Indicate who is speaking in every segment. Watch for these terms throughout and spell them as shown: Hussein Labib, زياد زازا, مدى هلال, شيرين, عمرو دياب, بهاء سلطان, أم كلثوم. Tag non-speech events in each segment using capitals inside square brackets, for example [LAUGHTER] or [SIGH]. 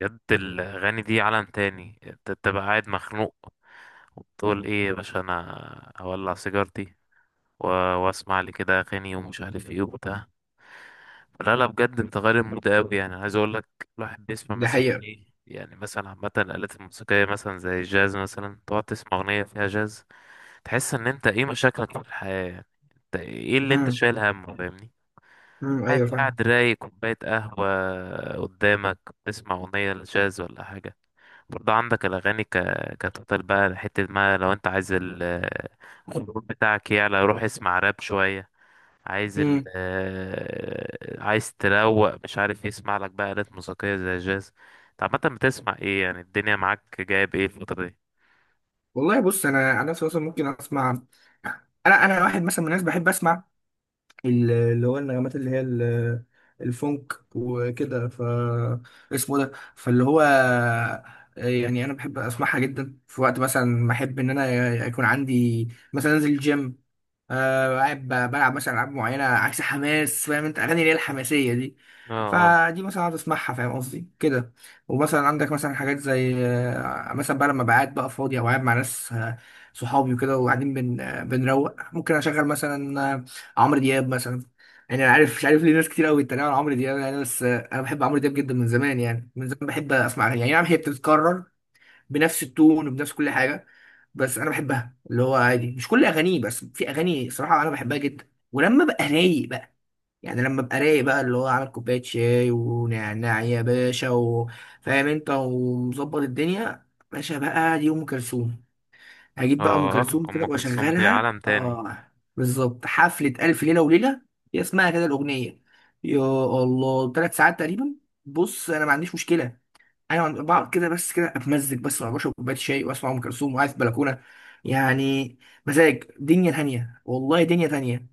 Speaker 1: بجد الأغاني دي عالم تاني، انت تبقى قاعد مخنوق وتقول ايه يا باشا، انا هولع سيجارتي و- واسمع لي كده اغاني ومش عارف ايه وبتاع. لا لا، بجد انت غير المود اوي. يعني عايز اقول لك الواحد بيسمع
Speaker 2: دي
Speaker 1: مثلا
Speaker 2: حقيقة.
Speaker 1: ايه، يعني مثلا عامة الآلات الموسيقية مثلا زي الجاز، مثلا تقعد تسمع أغنية فيها جاز، تحس إن أنت إيه مشاكلك في الحياة يعني، أنت إيه اللي أنت
Speaker 2: امم
Speaker 1: شايل همه، فاهمني؟
Speaker 2: ايوه،
Speaker 1: عادي
Speaker 2: فاهم.
Speaker 1: قاعد رايق كوباية قهوة قدامك، بتسمع أغنية لجاز ولا حاجة. برضه عندك الأغاني كتوتال بقى، حتة ما لو أنت عايز الخروج بتاعك يعلى، روح اسمع راب شوية. عايز ال...
Speaker 2: امم
Speaker 1: آه، عايز تروق مش عارف إيه، اسمع لك بقى آلات موسيقية زي الجاز. أنت عامة بتسمع إيه؟ يعني الدنيا معاك جايب إيه الفترة دي؟
Speaker 2: والله بص، انا نفسي مثلا ممكن اسمع. انا واحد مثلا من الناس بحب اسمع اللي هو النغمات، اللي هي الفونك وكده، ف اسمه ده، فاللي هو يعني انا بحب اسمعها جدا في وقت مثلا ما احب ان انا يكون عندي، مثلا انزل الجيم. قاعد بلعب مثلا العاب معينه، عكس حماس، فاهم انت، اغاني اللي هي الحماسيه دي.
Speaker 1: اه اه.
Speaker 2: فدي مثلا اقعد اسمعها، فاهم قصدي كده. ومثلا عندك مثلا حاجات زي مثلا بقى لما بقعد بقى فاضي او قاعد مع ناس صحابي وكده، وقاعدين بن آه، بنروق، ممكن اشغل مثلا عمرو دياب مثلا. يعني انا عارف، مش عارف ليه ناس كتير قوي بتتريق على عمرو دياب يعني، بس انا بحب عمرو دياب جدا من زمان، يعني من زمان بحب اسمع اغاني يعني. نعم، هي بتتكرر بنفس التون وبنفس كل حاجه، بس انا بحبها اللي هو عادي، مش كل اغانيه، بس في اغاني صراحه انا بحبها جدا، ولما ببقى رايق بقى، يعني لما ببقى رايق بقى اللي هو عامل كوبايه شاي ونعناع يا باشا، وفاهم انت، ومظبط الدنيا. باشا بقى، دي ام كلثوم. هجيب بقى ام
Speaker 1: اه،
Speaker 2: كلثوم كده
Speaker 1: أم كلثوم دي
Speaker 2: واشغلها.
Speaker 1: عالم تاني.
Speaker 2: اه بالظبط، حفله الف ليله وليله. هي اسمها كده الاغنيه. يا الله، 3 ساعات تقريبا. بص انا ما عنديش مشكله. ايوه عند بعض كده، بس كده اتمزج، بس مع بشرب كوبايه شاي واسمع ام كلثوم وقاعد في بلكونه، يعني مزاج دنيا تانية. والله، دنيا تانية.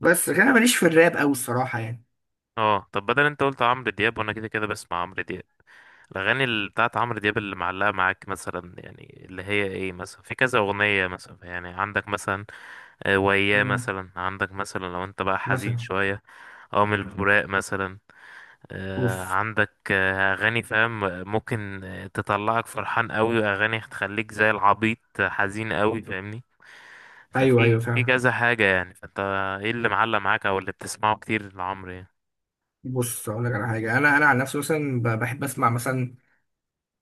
Speaker 2: بس لكن انا ماليش في الراب قوي الصراحه يعني.
Speaker 1: اه طب، بدل أنت قلت عمرو دياب وأنا كده كده بسمع عمرو دياب، الأغاني اللي بتاعت عمرو دياب اللي معلقة معاك مثلا يعني، اللي هي ايه مثلا، في كذا أغنية مثلا يعني، عندك مثلا آه، وياه،
Speaker 2: مم.
Speaker 1: مثلا عندك مثلا لو انت بقى حزين
Speaker 2: مثلا.
Speaker 1: شوية أو من البراق مثلا. آه،
Speaker 2: اوف.
Speaker 1: عندك آه، أغاني فاهم، ممكن آه، تطلعك فرحان قوي، وأغاني تخليك زي العبيط حزين قوي، فاهمني؟
Speaker 2: ايوه،
Speaker 1: ففي
Speaker 2: ايوه
Speaker 1: في
Speaker 2: فعلا.
Speaker 1: كذا حاجة يعني، فانت ايه اللي معلق معاك أو اللي بتسمعه كتير لعمرو يعني؟
Speaker 2: بص اقول لك على حاجه. انا عن نفسي، مثلا بحب اسمع مثلا.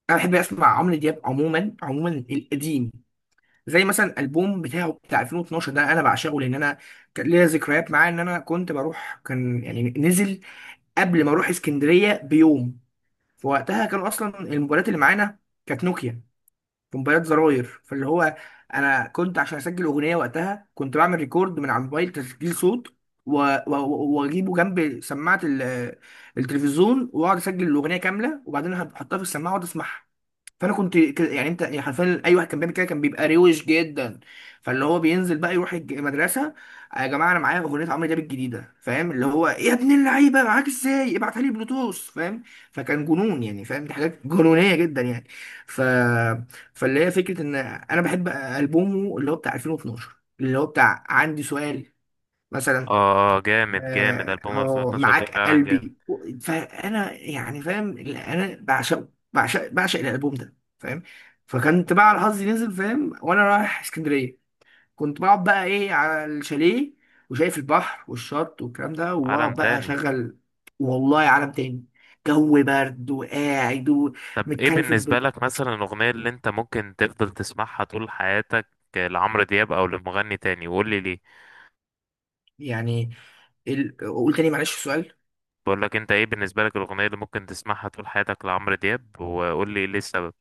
Speaker 2: انا بحب اسمع عمرو دياب عموما، عموما القديم. زي مثلا البوم بتاعه، بتاع 2012 ده، انا بعشقه، لان انا كان ليا ذكريات معاه، ان انا كنت بروح، كان يعني نزل قبل ما اروح اسكندريه بيوم. في وقتها كان اصلا الموبايلات اللي معانا كانت نوكيا، موبايلات زراير، فاللي هو انا كنت عشان اسجل اغنيه وقتها كنت بعمل ريكورد من على الموبايل، تسجيل صوت، واجيبه جنب سماعه التلفزيون، واقعد اسجل الاغنيه كامله، وبعدين هحطها في السماعه واقعد اسمعها. فانا كنت يعني انت يعني، حرفيا اي واحد كان بيعمل كده كان بيبقى روش جدا. فاللي هو بينزل بقى يروح المدرسه. "آه يا جماعه، انا معايا اغنيه عمرو دياب الجديده، فاهم اللي هو. إيه يا ابن اللعيبه، معاك ازاي؟ ابعتها لي بلوتوث، فاهم." فكان جنون يعني، فاهم، دي حاجات [LAUGHS] جنونيه جدا يعني. ف فاللي هي فكره ان انا بحب البومه اللي هو بتاع 2012، اللي هو بتاع عندي سؤال
Speaker 1: اه
Speaker 2: مثلا.
Speaker 1: آه، جامد جامد، ألبوم
Speaker 2: أو
Speaker 1: 2012 ده
Speaker 2: معاك
Speaker 1: فعلا جامد.
Speaker 2: قلبي. فانا يعني فاهم، انا بعشق بعشق بعشق الالبوم ده، فاهم. فكنت بقى على حظي نزل، فاهم، وانا رايح اسكندريه، كنت بقعد بقى ايه على الشاليه، وشايف البحر والشط والكلام ده،
Speaker 1: عالم
Speaker 2: واقعد بقى
Speaker 1: تاني.
Speaker 2: اشغل. والله، عالم تاني. جو برد وقاعد.
Speaker 1: طب ايه
Speaker 2: ومتكلفت
Speaker 1: بالنسبة لك مثلا الأغنية اللي انت ممكن تفضل تسمعها طول حياتك لعمرو دياب او لمغني تاني، وقول لي ليه.
Speaker 2: يعني قول تاني معلش السؤال.
Speaker 1: بقول لك انت ايه بالنسبة لك الأغنية اللي ممكن تسمعها طول حياتك لعمرو دياب، وقول لي ليه السبب.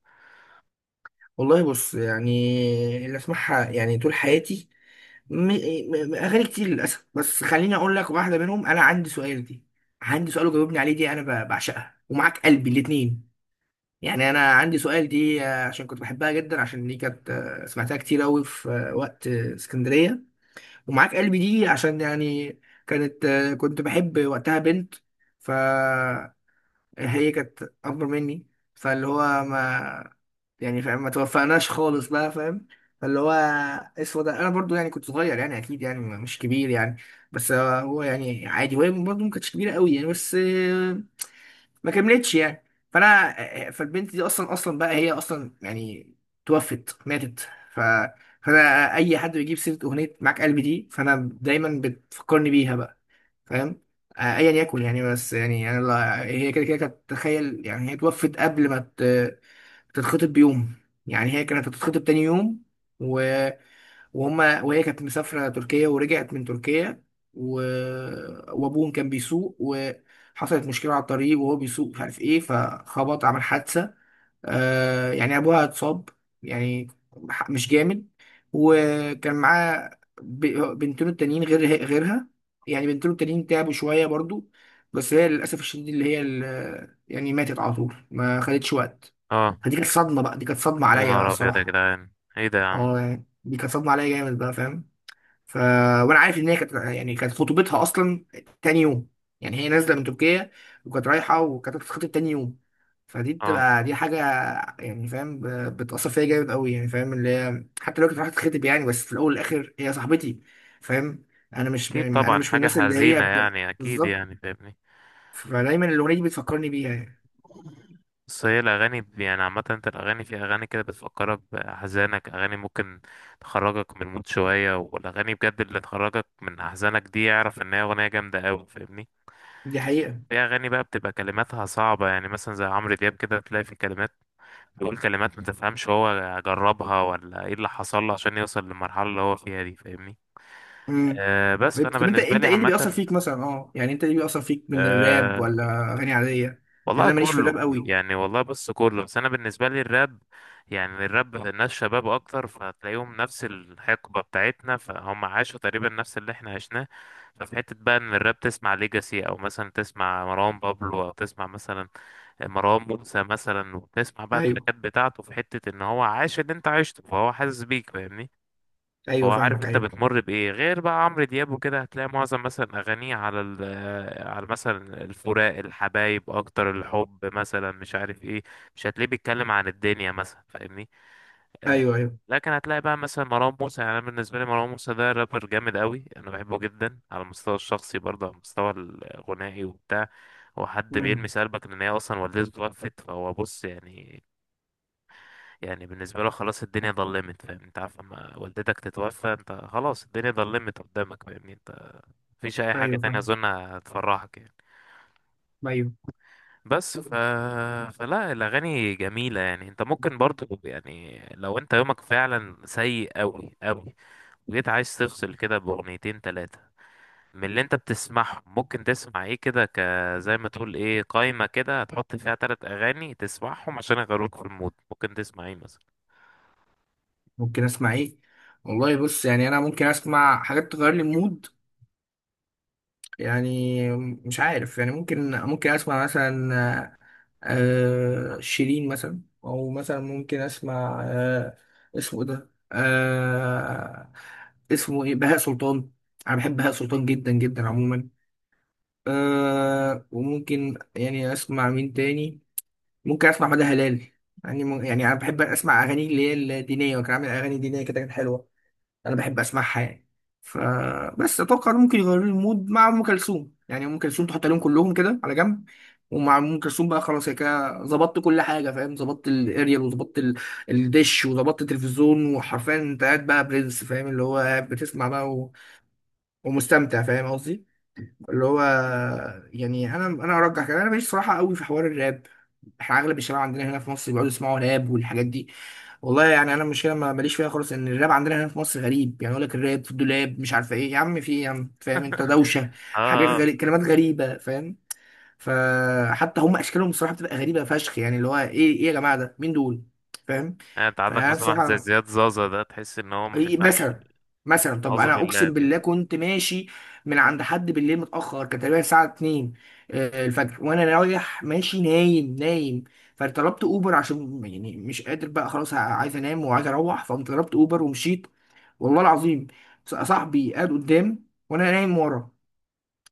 Speaker 2: والله بص يعني، اللي اسمعها يعني طول حياتي م... اغاني كتير للاسف، بس خليني اقول لك واحده منهم. انا عندي سؤال دي، عندي سؤال وجاوبني عليه دي، انا بعشقها، ومعاك قلبي، الاتنين. يعني انا عندي سؤال دي عشان كنت بحبها جدا، عشان دي كانت سمعتها كتير قوي في وقت اسكندريه. ومعاك قلبي دي عشان يعني كانت كنت بحب وقتها بنت، فهي كانت اكبر مني، فاللي هو ما يعني، فاهم، ما توفقناش خالص بقى، فاهم. فاللي هو اسود، انا برضو يعني كنت صغير يعني، اكيد يعني مش كبير يعني، بس هو يعني عادي، وهي برضو ما كانتش كبيره قوي يعني، بس ما كملتش يعني. فانا، فالبنت دي اصلا اصلا بقى، هي اصلا يعني توفت، ماتت. ف فانا اي حد بيجيب سيره اغنيه معاك قلبي دي، فانا دايما بتفكرني بيها بقى، فاهم. ايا يكن يعني، بس يعني انا هي كده كده كانت، تخيل يعني، هي توفت قبل ما تتخطب بيوم. يعني هي كانت هتتخطب تاني يوم، و... وهما وهي كانت مسافرة تركيا، ورجعت من تركيا، و... وابوهم كان بيسوق، وحصلت مشكلة على الطريق، وهو بيسوق مش عارف ايه، فخبط، عمل حادثة. يعني ابوها اتصاب، يعني مش جامد. وكان معاه بنتين التانيين غير غيرها. يعني بنتين التانيين تعبوا شويه برضو، بس هي للاسف الشديد، اللي هي يعني ماتت على طول، ما خدتش وقت.
Speaker 1: اه.
Speaker 2: فدي كانت صدمه بقى، دي كانت صدمه
Speaker 1: يا
Speaker 2: عليا بقى
Speaker 1: نهار ابيض يا
Speaker 2: الصراحه.
Speaker 1: جدعان، ايه ده يا عم؟
Speaker 2: اه يعني، دي كانت صدمه عليا جامد بقى، فاهم. ف... وانا عارف ان هي كانت يعني، كانت خطوبتها اصلا تاني يوم. يعني هي نازله من تركيا، وكانت رايحه، وكانت هتتخطب تاني يوم. فدي
Speaker 1: اه،
Speaker 2: بتبقى دي حاجه، يعني فاهم، بتاثر فيا جامد قوي يعني، فاهم اللي هي، حتى لو كانت رايحه تتخطب يعني، بس في الاول والاخر هي صاحبتي، فاهم. انا مش
Speaker 1: اكيد
Speaker 2: انا
Speaker 1: طبعا
Speaker 2: مش من
Speaker 1: حاجة
Speaker 2: الناس اللي هي
Speaker 1: حزينة يعني، اكيد
Speaker 2: بالظبط.
Speaker 1: يعني، فاهمني؟
Speaker 2: فدايما الاغنيه دي بتفكرني بيها يعني.
Speaker 1: بس هي الأغاني يعني عامة انت الأغاني، في أغاني كده بتفكرك بأحزانك، أغاني ممكن تخرجك من المود شوية، والأغاني بجد اللي تخرجك من أحزانك دي يعرف إن هي أغنية جامدة أوي، فاهمني؟
Speaker 2: دي حقيقه.
Speaker 1: في أغاني بقى بتبقى كلماتها صعبة، يعني مثلا زي عمرو دياب كده تلاقي في كلمات بيقول، كلمات ما تفهمش هو جربها ولا ايه اللي حصل له عشان يوصل للمرحلة اللي هو فيها دي، فاهمني؟
Speaker 2: امم.
Speaker 1: أه بس فأنا
Speaker 2: طب انت
Speaker 1: بالنسبة
Speaker 2: انت
Speaker 1: لي
Speaker 2: ايه اللي بيأثر
Speaker 1: عامة،
Speaker 2: فيك مثلا، اه يعني انت ايه اللي بيأثر فيك من الراب
Speaker 1: أه
Speaker 2: ولا اغاني عاديه؟ لان
Speaker 1: والله
Speaker 2: انا ماليش في الراب
Speaker 1: كله
Speaker 2: قوي.
Speaker 1: يعني. والله بص كله، بس أنا بالنسبة لي الراب يعني، الراب ناس شباب أكتر، فتلاقيهم نفس الحقبة بتاعتنا، فهم عاشوا تقريبا نفس اللي احنا عشناه. ففي حتة بقى إن الراب تسمع ليجاسي أو مثلا تسمع مروان بابلو أو تسمع مثلا مروان موسى مثلا، وبتسمع بقى
Speaker 2: ايوه،
Speaker 1: التراكات بتاعته، في حتة ان هو عاش اللي انت عشته فهو حاسس بيك، فاهمني؟ فهو
Speaker 2: ايوه
Speaker 1: عارف
Speaker 2: فاهمك،
Speaker 1: انت
Speaker 2: ايوه.
Speaker 1: بتمر بايه. غير بقى عمرو دياب وكده هتلاقي معظم مثلا اغانيه على على مثلا الفراق، الحبايب اكتر، الحب مثلا مش عارف ايه، مش هتلاقيه بيتكلم عن الدنيا مثلا، فاهمني؟ آه،
Speaker 2: ايوه، ايوه.
Speaker 1: لكن هتلاقي بقى مثلا مروان موسى، يعني انا بالنسبه لي مروان موسى ده رابر جامد قوي، انا بحبه جدا على المستوى الشخصي برضه على المستوى الغنائي وبتاع. هو حد
Speaker 2: امم.
Speaker 1: بيلمس قلبك، ان هي اصلا والدته توفت، فهو بص يعني، يعني بالنسبه له خلاص الدنيا ضلمت، فاهم؟ انت عارف لما والدتك تتوفى انت خلاص الدنيا ضلمت قدامك، فاهمني انت؟ مفيش اي حاجه
Speaker 2: ايوه
Speaker 1: تانية
Speaker 2: فاهم.
Speaker 1: اظن هتفرحك يعني.
Speaker 2: ايوه.
Speaker 1: بس فلا الاغاني جميله يعني، انت ممكن برضه يعني لو انت يومك فعلا سيء قوي قوي، جيت عايز تفصل كده بأغنيتين تلاتة من اللي انت بتسمعهم، ممكن تسمع ايه كده، ك زي ما تقول ايه، قائمة كده هتحط فيها تلات أغاني تسمعهم عشان يغيروك في المود، ممكن تسمع ايه مثلا؟
Speaker 2: ممكن اسمع ايه؟ والله بص يعني، انا ممكن اسمع حاجات تغير لي المود، يعني مش عارف يعني، ممكن اسمع مثلا شيرين مثلا، او مثلا ممكن اسمع اسمه إيه ده؟ اسمه ايه؟ بهاء سلطان. انا بحب بهاء سلطان جدا جدا عموما. وممكن يعني اسمع مين تاني. ممكن اسمع مدى هلال. يعني يعني انا بحب اسمع اغاني اللي هي الدينيه، وكان عامل اغاني دينيه كده كانت حلوه، انا بحب اسمعها يعني. فبس اتوقع إنه ممكن يغيروا لي المود. مع ام كلثوم، يعني ام كلثوم تحط عليهم كلهم كده على جنب. ومع ام كلثوم بقى خلاص، هي كده ظبطت كل حاجه، فاهم، ظبطت الاريال وظبطت الدش وظبطت التلفزيون، وحرفيا انت قاعد بقى برنس، فاهم اللي هو قاعد بتسمع بقى ومستمتع، فاهم قصدي اللي هو. يعني انا ارجح كده، انا ماليش صراحه قوي في حوار الراب. احنا اغلب الشباب عندنا هنا في مصر بيقعدوا يسمعوا راب والحاجات دي. والله يعني انا مش، ما ماليش فيها خالص، ان الراب عندنا هنا في مصر غريب يعني، يقول لك الراب في الدولاب، مش عارفه ايه يا عم، في ايه يا عم، فاهم انت، دوشه،
Speaker 1: اه
Speaker 2: حاجات
Speaker 1: اه.
Speaker 2: غريب، كلمات غريبه، فاهم. فحتى هم اشكالهم الصراحه بتبقى غريبه فشخ يعني، اللي هو ايه، ايه يا جماعه، ده مين دول، فاهم.
Speaker 1: يعني انت عندك
Speaker 2: فانا
Speaker 1: مثلا واحد زي
Speaker 2: الصراحه،
Speaker 1: زياد زازا ده، تحس ان هو ما
Speaker 2: إيه
Speaker 1: تفهمش.
Speaker 2: مثلا، مثلا طب
Speaker 1: أعوذ
Speaker 2: انا
Speaker 1: بالله
Speaker 2: اقسم
Speaker 1: بجد.
Speaker 2: بالله كنت ماشي من عند حد بالليل متاخر، كان تقريبا الساعه 2 الفجر، وانا رايح ماشي، نايم نايم. فطلبت اوبر عشان يعني مش قادر بقى، خلاص عايز انام وعايز اروح، فقمت طلبت اوبر ومشيت. والله العظيم، صاحبي قاعد قدام وانا نايم ورا.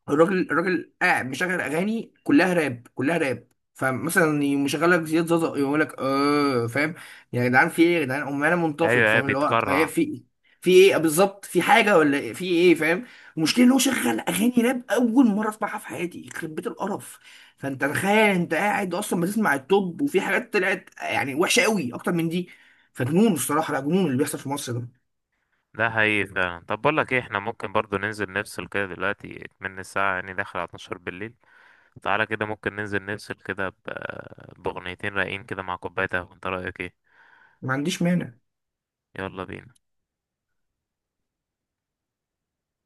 Speaker 2: الراجل قاعد مشغل اغاني كلها راب، كلها راب. فمثلا يقوم مشغل لك زياد زازا، يقول لك اه فاهم، يا جدعان في ايه، يا جدعان امال انا منتفض،
Speaker 1: ايوه ايوه،
Speaker 2: فاهم اللي هو
Speaker 1: بيتكرع.
Speaker 2: في ايه، في ايه بالظبط، في حاجه ولا إيه؟ في ايه، فاهم. المشكله ان هو شغل اغاني راب اول مره اسمعها في حياتي، يخرب بيت القرف. فانت تخيل، انت قاعد اصلا بتسمع التوب، وفي حاجات طلعت يعني وحشه قوي اكتر من دي. فجنون الصراحه، لا جنون اللي بيحصل في مصر ده.
Speaker 1: ده حقيقي فعلا. طب بقول لك ايه، احنا ممكن برضو ننزل نفصل كده دلوقتي، من الساعة يعني داخل على 12 بالليل، تعالى كده ممكن ننزل نفصل كده بأغنيتين رايقين كده مع كوباية قهوة، انت رأيك ايه؟
Speaker 2: ما عنديش مانع.
Speaker 1: يلا بينا.